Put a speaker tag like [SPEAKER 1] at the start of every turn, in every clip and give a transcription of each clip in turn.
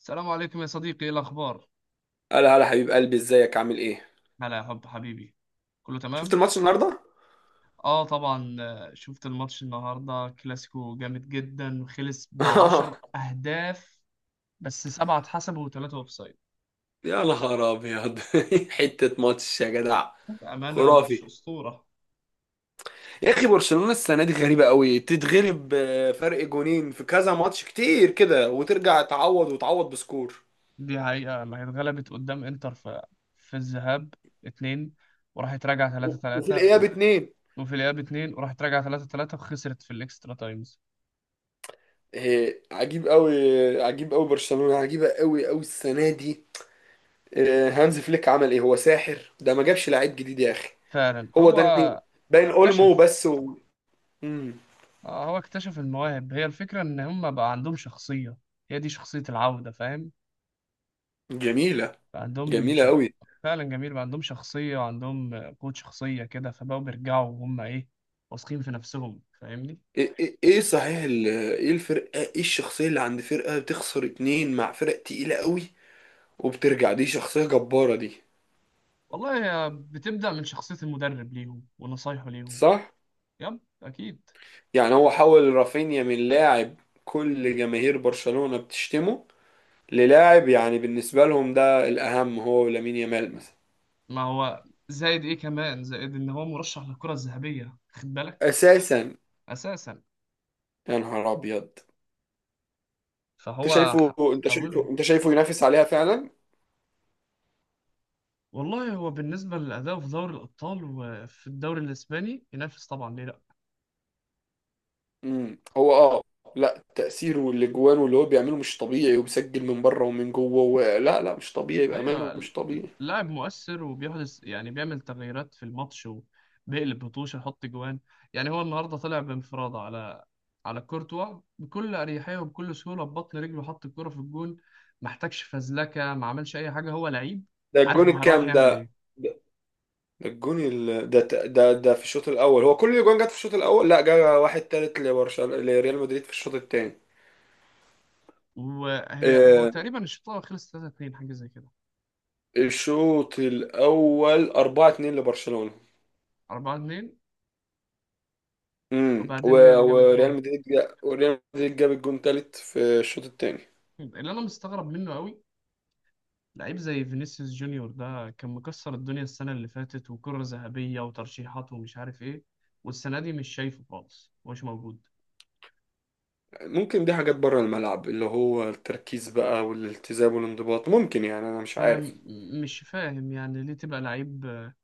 [SPEAKER 1] السلام عليكم يا صديقي، ايه الاخبار؟
[SPEAKER 2] هلا هلا حبيب قلبي، ازيك عامل ايه؟
[SPEAKER 1] هلا يا حب حبيبي. كله
[SPEAKER 2] شفت
[SPEAKER 1] تمام.
[SPEAKER 2] الماتش النهارده؟
[SPEAKER 1] اه طبعا، شفت الماتش النهارده. كلاسيكو جامد جدا، وخلص بعشر اهداف بس 7 اتحسبوا وثلاثه اوفسايد.
[SPEAKER 2] يا نهار ابيض. حته ماتش يا جدع.
[SPEAKER 1] بامانه
[SPEAKER 2] خرافي.
[SPEAKER 1] ماتش اسطوره.
[SPEAKER 2] يا اخي، برشلونه السنه دي غريبه قوي، تتغلب فرق جونين في كذا ماتش كتير كده وترجع تعوض وتعوض بسكور.
[SPEAKER 1] دي حقيقه، ما هي اتغلبت قدام انتر في الذهاب 2. وراحت راجعه ثلاثة
[SPEAKER 2] وفي
[SPEAKER 1] ثلاثة
[SPEAKER 2] الاياب اتنين.
[SPEAKER 1] وفي الاياب 2، وراحت راجعه ثلاثة ثلاثة، وخسرت في الاكسترا تايمز.
[SPEAKER 2] إيه، عجيب قوي. عجيب قوي، برشلونه عجيبه قوي قوي السنه دي. هانز فليك عمل ايه؟ هو ساحر ده، ما جابش لعيب جديد يا اخي.
[SPEAKER 1] فعلا،
[SPEAKER 2] هو داني. باين اولمو
[SPEAKER 1] اكتشف
[SPEAKER 2] بس و... مم.
[SPEAKER 1] هو اكتشف المواهب. هي الفكرة إن هم بقى عندهم شخصية. هي دي شخصية العودة، فاهم.
[SPEAKER 2] جميله.
[SPEAKER 1] بقى عندهم
[SPEAKER 2] جميلة
[SPEAKER 1] ش...
[SPEAKER 2] قوي.
[SPEAKER 1] فعلا جميل، بقى عندهم شخصية وعندهم قوة شخصية كده، فبقوا بيرجعوا وهم إيه، واثقين في نفسهم، فاهمني.
[SPEAKER 2] ايه ايه إيه صحيح ايه الفرقة، ايه الشخصية اللي عند فرقة بتخسر اتنين مع فرق تقيلة قوي وبترجع، دي شخصية جبارة دي.
[SPEAKER 1] والله هي بتبدأ من شخصية المدرب ليهم ونصايحه ليهم.
[SPEAKER 2] صح؟
[SPEAKER 1] يب أكيد.
[SPEAKER 2] يعني هو حول رافينيا من لاعب كل جماهير برشلونة بتشتمه للاعب، يعني بالنسبة لهم ده الأهم، هو ولامين يامال مثلا.
[SPEAKER 1] ما هو زائد إيه كمان، زائد إن هو مرشح للكرة الذهبية، خد بالك.
[SPEAKER 2] أساسا.
[SPEAKER 1] أساسا.
[SPEAKER 2] يا نهار أبيض. أنت
[SPEAKER 1] فهو
[SPEAKER 2] شايفه أنت شايفه
[SPEAKER 1] حوله.
[SPEAKER 2] أنت شايفه ينافس عليها فعلا؟
[SPEAKER 1] والله هو بالنسبة لأدائه في دوري الأبطال وفي الدوري الإسباني ينافس، طبعا ليه لأ.
[SPEAKER 2] هو لا، تأثيره والاجوان واللي هو بيعمله مش طبيعي وبيسجل من بره ومن جوه و... لا لا، مش طبيعي بأمانة،
[SPEAKER 1] أيوة.
[SPEAKER 2] مش طبيعي.
[SPEAKER 1] لاعب مؤثر وبيحدث، يعني بيعمل تغييرات في الماتش، وبيقلب بطوشة يحط جوان. يعني هو النهاردة طلع بانفرادة على كورتوا بكل أريحية وبكل سهولة، ببطن رجله حط الكرة في الجون. ما احتاجش فزلكة، ما عملش أي حاجة، هو لعيب.
[SPEAKER 2] ده
[SPEAKER 1] عارف
[SPEAKER 2] الجون
[SPEAKER 1] هو رايح
[SPEAKER 2] الكام
[SPEAKER 1] يعمل
[SPEAKER 2] ده؟
[SPEAKER 1] إيه.
[SPEAKER 2] ده ده الجون ده, ت- ده ده في الشوط الاول، هو كل الاجوان جت في الشوط الاول، لا جه واحد تالت لبرشلونة لريال مدريد في الشوط الثاني.
[SPEAKER 1] هو
[SPEAKER 2] آه،
[SPEAKER 1] تقريبا الشوط الأول خلص 3-2، حاجة زي كده.
[SPEAKER 2] الشوط الاول 4-2 لبرشلونة.
[SPEAKER 1] 4-2.
[SPEAKER 2] و...
[SPEAKER 1] وبعدين ريال جابت جون.
[SPEAKER 2] وريال مدريد جاب الجون تالت في الشوط الثاني.
[SPEAKER 1] اللي أنا مستغرب منه قوي، لعيب زي فينيسيوس جونيور ده كان مكسر الدنيا السنة اللي فاتت، وكرة ذهبية وترشيحات ومش عارف ايه، والسنة دي مش شايفه خالص، مش موجود.
[SPEAKER 2] ممكن دي حاجات بره الملعب، اللي هو التركيز بقى والالتزام والانضباط، ممكن، يعني انا مش
[SPEAKER 1] فأنا
[SPEAKER 2] عارف.
[SPEAKER 1] مش فاهم، يعني ليه تبقى لعيب،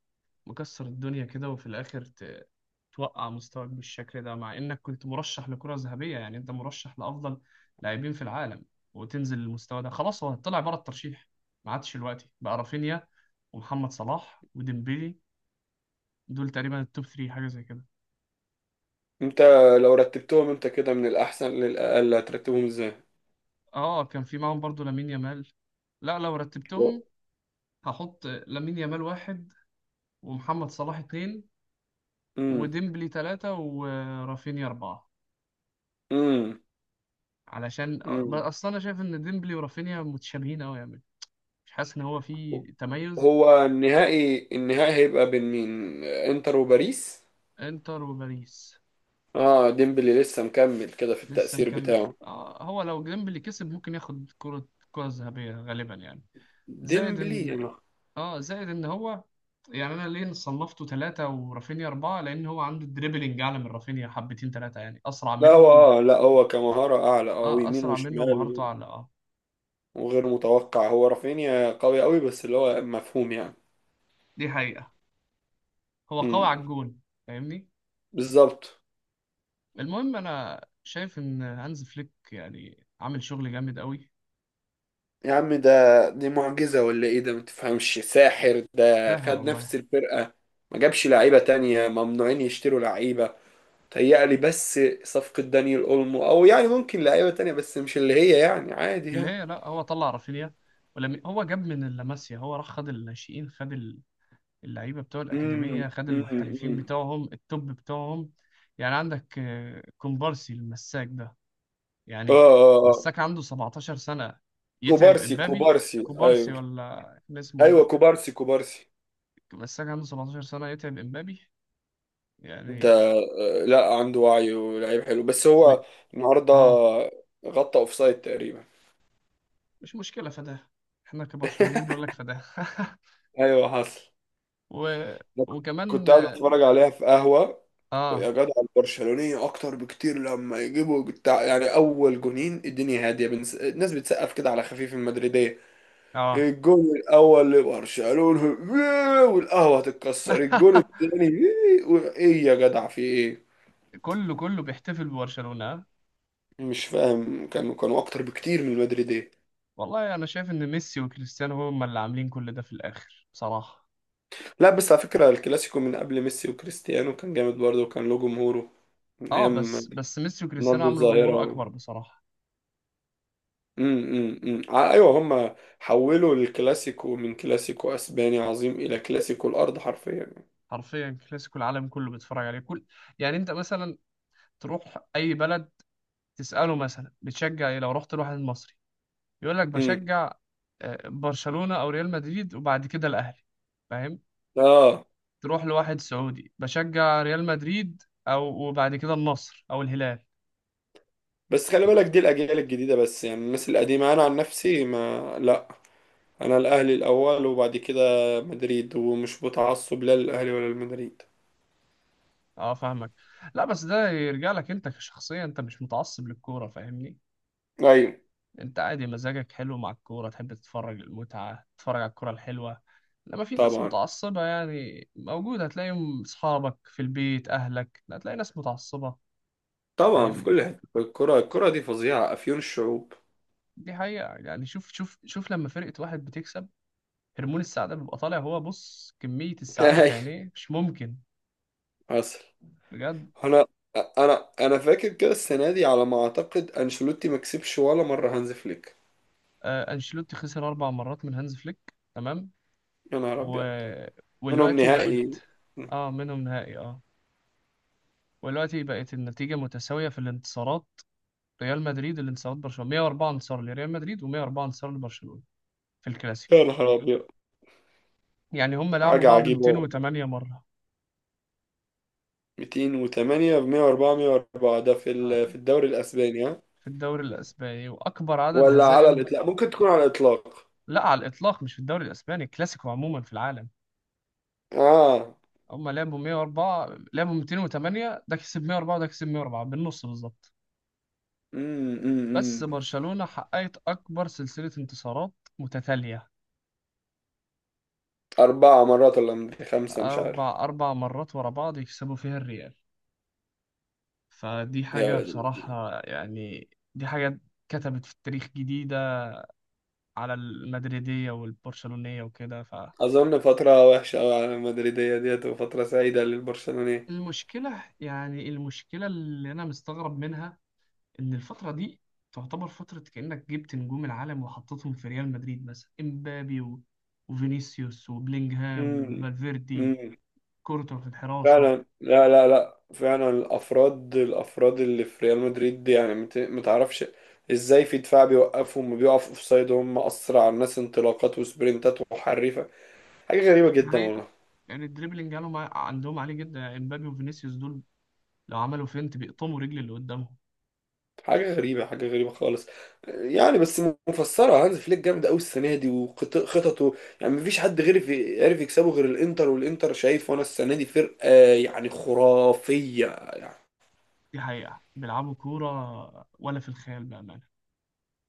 [SPEAKER 1] مكسر الدنيا كده، وفي الآخر توقع مستواك بالشكل ده، مع إنك كنت مرشح لكرة ذهبية، يعني أنت مرشح لأفضل لاعبين في العالم، وتنزل للمستوى ده. خلاص، هو طلع بره الترشيح، ما عادش دلوقتي. بقى رافينيا ومحمد صلاح وديمبيلي، دول تقريبا التوب 3، حاجة زي كده.
[SPEAKER 2] انت لو رتبتهم انت كده من الاحسن للاقل، هترتبهم ازاي؟
[SPEAKER 1] اه، كان في معاهم برضو لامين يامال. لا، لو رتبتهم، هحط لامين يامال واحد، ومحمد صلاح اتنين،
[SPEAKER 2] امم
[SPEAKER 1] وديمبلي تلاتة، ورافينيا أربعة.
[SPEAKER 2] امم
[SPEAKER 1] علشان
[SPEAKER 2] امم.
[SPEAKER 1] أصلا أنا شايف إن ديمبلي ورافينيا متشابهين أوي يعني، مش حاسس إن هو في تميز.
[SPEAKER 2] هو النهائي، النهائي هيبقى بين مين، انتر وباريس؟
[SPEAKER 1] إنتر وباريس.
[SPEAKER 2] اه، ديمبلي لسه مكمل كده في
[SPEAKER 1] لسه
[SPEAKER 2] التأثير
[SPEAKER 1] مكمل،
[SPEAKER 2] بتاعه.
[SPEAKER 1] هو لو ديمبلي كسب ممكن ياخد كرة ذهبية غالبا يعني. زائد
[SPEAKER 2] ديمبلي.
[SPEAKER 1] إن اه زائد ان هو، يعني انا ليه صنفته ثلاثة ورافينيا أربعة، لأن هو عنده دريبلينج أعلى من رافينيا حبتين ثلاثة، يعني أسرع
[SPEAKER 2] لا هو
[SPEAKER 1] منه.
[SPEAKER 2] لا هو كمهارة اعلى،
[SPEAKER 1] اه،
[SPEAKER 2] ويمين
[SPEAKER 1] أسرع منه
[SPEAKER 2] وشمال
[SPEAKER 1] ومهارته أعلى، اه.
[SPEAKER 2] وغير متوقع. هو رافينيا قوي قوي، بس اللي هو مفهوم يعني.
[SPEAKER 1] دي حقيقة. هو قوي
[SPEAKER 2] امم.
[SPEAKER 1] على الجون، فاهمني.
[SPEAKER 2] بالظبط.
[SPEAKER 1] المهم أنا شايف إن هانز فليك يعني عامل شغل جامد قوي.
[SPEAKER 2] يا عم ده، دي معجزة ولا ايه ده؟ ما تفهمش ساحر ده،
[SPEAKER 1] ساهر
[SPEAKER 2] خد
[SPEAKER 1] والله.
[SPEAKER 2] نفس الفرقة، ما جابش لعيبة تانية، ممنوعين يشتروا لعيبة. تهيألي بس صفقة دانيال اولمو او يعني ممكن لعيبة تانية، بس مش اللي هي، يعني عادي
[SPEAKER 1] في اللي
[SPEAKER 2] يعني.
[SPEAKER 1] هي، لا، هو طلع رافينيا، ولم هو جاب من اللاماسيا، هو راح خد الناشئين، خد اللعيبه بتوع الاكاديميه، خد المحترفين
[SPEAKER 2] امم.
[SPEAKER 1] بتوعهم، التوب بتوعهم. يعني عندك كومبارسي المساك ده،
[SPEAKER 2] اه
[SPEAKER 1] يعني
[SPEAKER 2] آه، آه.
[SPEAKER 1] مساك عنده 17 سنه، يتعب
[SPEAKER 2] كوبارسي
[SPEAKER 1] امبابي.
[SPEAKER 2] كوبارسي،
[SPEAKER 1] كوبارسي
[SPEAKER 2] ايوه.
[SPEAKER 1] ولا كان اسمه ايه
[SPEAKER 2] ايوه
[SPEAKER 1] ده.
[SPEAKER 2] كوبارسي كوبارسي.
[SPEAKER 1] مساك عنده 17 سنه يتعب امبابي
[SPEAKER 2] ده
[SPEAKER 1] يعني.
[SPEAKER 2] لا، عنده وعي ولعيب حلو، بس
[SPEAKER 1] و...
[SPEAKER 2] هو النهارده
[SPEAKER 1] اه،
[SPEAKER 2] غطى اوفسايد تقريبا.
[SPEAKER 1] مش مشكله فداه، احنا كبرشلونيين نقول لك فداه.
[SPEAKER 2] ايوه حصل.
[SPEAKER 1] و...
[SPEAKER 2] أنا
[SPEAKER 1] وكمان
[SPEAKER 2] كنت قاعد اتفرج عليها في قهوه. يا
[SPEAKER 1] اه.
[SPEAKER 2] جدع، البرشلونيه اكتر بكتير، لما يجيبوا بتاع، يعني اول جونين الدنيا هاديه، الناس بتسقف كده على خفيف المدريديه.
[SPEAKER 1] اه.
[SPEAKER 2] الجون الاول لبرشلونه، والقهوه هتتكسر الجون الثاني. ايه يا جدع، في ايه؟
[SPEAKER 1] كله كله بيحتفل ببرشلونه.
[SPEAKER 2] مش فاهم، كانوا اكتر بكتير من المدريديه.
[SPEAKER 1] والله انا شايف ان ميسي وكريستيانو هم اللي عاملين كل ده في الاخر بصراحه.
[SPEAKER 2] لا بس على فكره الكلاسيكو من قبل ميسي وكريستيانو كان جامد برضه، وكان له جمهوره من
[SPEAKER 1] اه،
[SPEAKER 2] ايام
[SPEAKER 1] بس ميسي وكريستيانو
[SPEAKER 2] رونالدو
[SPEAKER 1] عملوا جمهور
[SPEAKER 2] الظاهره.
[SPEAKER 1] اكبر بصراحه.
[SPEAKER 2] امم، ايوه، هم حولوا الكلاسيكو من كلاسيكو اسباني عظيم الى كلاسيكو الارض حرفيا يعني.
[SPEAKER 1] حرفيا كلاسيكو العالم كله بيتفرج عليه. كل، يعني انت مثلا، تروح اي بلد، تساله مثلا بتشجع ايه، لو رحت لواحد مصري يقول لك
[SPEAKER 2] امم.
[SPEAKER 1] بشجع برشلونه او ريال مدريد، وبعد كده الاهلي، فاهم.
[SPEAKER 2] اه
[SPEAKER 1] تروح لواحد سعودي بشجع ريال مدريد، او وبعد كده النصر او الهلال.
[SPEAKER 2] بس خلي بالك، دي الاجيال الجديده بس، يعني الناس القديمه انا عن نفسي ما لا، انا الاهلي الاول، وبعد كده مدريد، ومش متعصب لا للاهلي ولا لمدريد.
[SPEAKER 1] اه، فاهمك. لا بس ده يرجع لك انت كشخصية، انت مش متعصب للكورة، فاهمني.
[SPEAKER 2] ايوه.
[SPEAKER 1] انت عادي، مزاجك حلو مع الكورة، تحب تتفرج المتعة، تتفرج على الكورة الحلوة. لما في ناس
[SPEAKER 2] طبعا.
[SPEAKER 1] متعصبة يعني موجودة، هتلاقيهم اصحابك في البيت اهلك، لا هتلاقي ناس متعصبة.
[SPEAKER 2] طبعا في
[SPEAKER 1] فاهمني.
[SPEAKER 2] كل حته، الكره، الكره دي فظيعه، افيون الشعوب.
[SPEAKER 1] دي حقيقة يعني، شوف شوف شوف لما فرقة واحد بتكسب، هرمون السعادة بيبقى طالع، هو بص كمية السعادة في
[SPEAKER 2] ايوه
[SPEAKER 1] عينيه، مش ممكن.
[SPEAKER 2] حصل.
[SPEAKER 1] بجد.
[SPEAKER 2] انا انا فاكر كده السنه دي على ما اعتقد، انشيلوتي ما كسبش ولا مره هانز فليك.
[SPEAKER 1] آه، انشيلوتي خسر 4 مرات من هانز فليك، تمام.
[SPEAKER 2] يا نهار
[SPEAKER 1] و...
[SPEAKER 2] أبيض. منهم
[SPEAKER 1] والوقتي
[SPEAKER 2] نهائي.
[SPEAKER 1] بقت. اه، منهم نهائي، اه. والوقتي بقت النتيجة متساوية في الانتصارات. ريال مدريد الانتصارات برشلونة، 104 انتصار لريال مدريد و104 انتصار لبرشلونة، في الكلاسيكو.
[SPEAKER 2] يا نهار أبيض.
[SPEAKER 1] يعني هم لعبوا
[SPEAKER 2] حاجة
[SPEAKER 1] بعض
[SPEAKER 2] عجيبة.
[SPEAKER 1] 208 مرة.
[SPEAKER 2] 208، ب 104 104، ده
[SPEAKER 1] آه.
[SPEAKER 2] في الدوري الأسباني ها؟
[SPEAKER 1] في الدوري الأسباني، وأكبر عدد
[SPEAKER 2] ولا على
[SPEAKER 1] هزائم.
[SPEAKER 2] الإطلاق؟ ممكن تكون على الإطلاق.
[SPEAKER 1] لا، على الإطلاق، مش في الدوري الأسباني، الكلاسيكو عموما في العالم.
[SPEAKER 2] آه.
[SPEAKER 1] هم لعبوا 104، لعبوا 208، ده كسب 104، ده كسب 104 بالنص بالظبط.
[SPEAKER 2] أمم أمم
[SPEAKER 1] بس
[SPEAKER 2] أمم.
[SPEAKER 1] برشلونة حققت أكبر سلسلة انتصارات متتالية،
[SPEAKER 2] أربعة مرات ولا خمسة، مش عارف.
[SPEAKER 1] أربع مرات ورا بعض يكسبوا فيها الريال، فدي
[SPEAKER 2] يا
[SPEAKER 1] حاجة
[SPEAKER 2] ولد الذين.
[SPEAKER 1] بصراحة يعني. دي حاجة كتبت في التاريخ جديدة على المدريدية والبرشلونية وكده.
[SPEAKER 2] أظن فترة وحشة أوي على المدريدية ديت، وفترة سعيدة للبرشلونية.
[SPEAKER 1] فالمشكلة، يعني المشكلة اللي أنا مستغرب منها إن الفترة دي تعتبر فترة كأنك جبت نجوم العالم وحطيتهم في ريال مدريد، مثلا إمبابي وفينيسيوس وبلينغهام
[SPEAKER 2] أمم.
[SPEAKER 1] وفالفيردي، كورتوا في الحراسة.
[SPEAKER 2] فعلا، لا لا لا، فعلا الافراد، الافراد اللي في ريال مدريد دي، يعني متعرفش ازاي. في دفاع بيوقفوا وما بيقفوا في سايد، هم اسرع الناس انطلاقات وسبرنتات وحريفه، حاجه غريبه
[SPEAKER 1] دي
[SPEAKER 2] جدا
[SPEAKER 1] حقيقة،
[SPEAKER 2] والله.
[SPEAKER 1] يعني الدريبلينج قالوا، عندهم عالي جدا، يعني امبابي وفينيسيوس دول لو عملوا فينت بيقطموا رجل اللي قدامهم.
[SPEAKER 2] حاجه غريبه، حاجه غريبه خالص، يعني بس مفسره هانز فليك جامد قوي السنه دي وخططه، يعني مفيش حد غير في عارف يكسبه غير الانتر، والانتر شايف وانا السنه دي فرقه يعني خرافيه يعني.
[SPEAKER 1] دي حقيقة بيلعبوا كورة ولا في الخيال، بأمانة.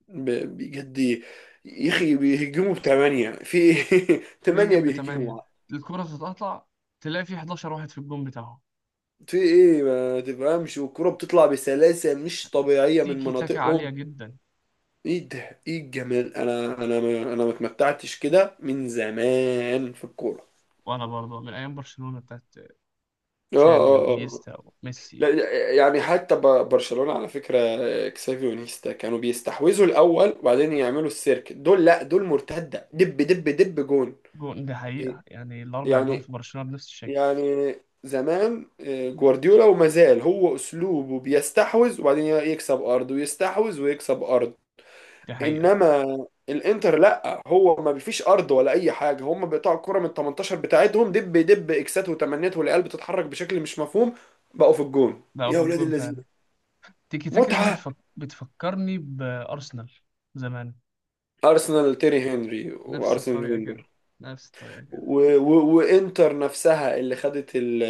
[SPEAKER 2] بجد يا اخي، بيهجموا بثمانية، في ايه؟
[SPEAKER 1] ده
[SPEAKER 2] ثمانية
[SPEAKER 1] جنب 8،
[SPEAKER 2] بيهجموا،
[SPEAKER 1] الكرة تتقطع، تلاقي في 11 واحد في الجون بتاعهم.
[SPEAKER 2] في ايه ما تفهمش، والكرة بتطلع بسلاسة مش طبيعية من
[SPEAKER 1] تيكي تاكا
[SPEAKER 2] مناطقهم.
[SPEAKER 1] عالية جدا.
[SPEAKER 2] ايه ده، ايه الجمال؟ انا ما اتمتعتش كده من زمان في الكورة.
[SPEAKER 1] وأنا برضه من أيام برشلونة بتاعت
[SPEAKER 2] اه
[SPEAKER 1] تشافي
[SPEAKER 2] اه اه.
[SPEAKER 1] وإنيستا
[SPEAKER 2] لا
[SPEAKER 1] وميسي.
[SPEAKER 2] لا، يعني حتى برشلونة على فكرة، اكسافي ونيستا كانوا بيستحوذوا الاول وبعدين يعملوا السيرك، دول لا دول مرتدة، دب دب دب جون.
[SPEAKER 1] جون، دي
[SPEAKER 2] إيه؟
[SPEAKER 1] حقيقة، يعني الأربع جون
[SPEAKER 2] يعني
[SPEAKER 1] في برشلونة بنفس الشكل.
[SPEAKER 2] يعني زمان جوارديولا وما زال هو اسلوبه بيستحوذ وبعدين يكسب ارض ويستحوذ ويكسب ارض،
[SPEAKER 1] دي حقيقة.
[SPEAKER 2] انما الانتر لا، هو ما فيش ارض ولا اي حاجه، هم بيقطعوا الكره من 18 بتاعتهم دب دب اكسات وتمنيات، والعيال بتتحرك بشكل مش مفهوم، بقوا في الجون
[SPEAKER 1] ده
[SPEAKER 2] يا
[SPEAKER 1] في
[SPEAKER 2] ولاد
[SPEAKER 1] الجون
[SPEAKER 2] اللذين.
[SPEAKER 1] فعلا. تيكي تاكا دي
[SPEAKER 2] متعه.
[SPEAKER 1] بتفكرني بأرسنال زمان.
[SPEAKER 2] ارسنال تيري هنري
[SPEAKER 1] نفس
[SPEAKER 2] وارسنال
[SPEAKER 1] الطريقة
[SPEAKER 2] فينجر،
[SPEAKER 1] كده. نفس الطريقة كده.
[SPEAKER 2] وانتر نفسها اللي خدت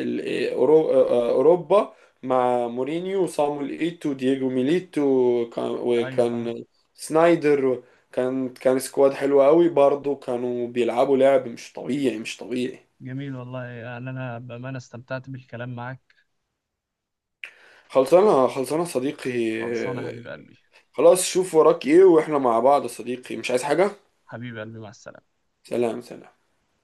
[SPEAKER 2] ال أورو- اوروبا مع مورينيو وصامويل ايتو ودييجو ميليتو،
[SPEAKER 1] أيوة.
[SPEAKER 2] وكان سنايدر. كان سكواد حلو قوي برضه، كانوا بيلعبوا لعب مش طبيعي، مش طبيعي.
[SPEAKER 1] جميل والله، يعني أنا بأمانة استمتعت بالكلام معك.
[SPEAKER 2] خلصانه خلصانه صديقي.
[SPEAKER 1] خلصانة يا حبيب قلبي.
[SPEAKER 2] خلاص، شوف وراك ايه، واحنا مع بعض يا صديقي، مش عايز حاجه.
[SPEAKER 1] حبيب قلبي، مع السلامة.
[SPEAKER 2] سلام سلام.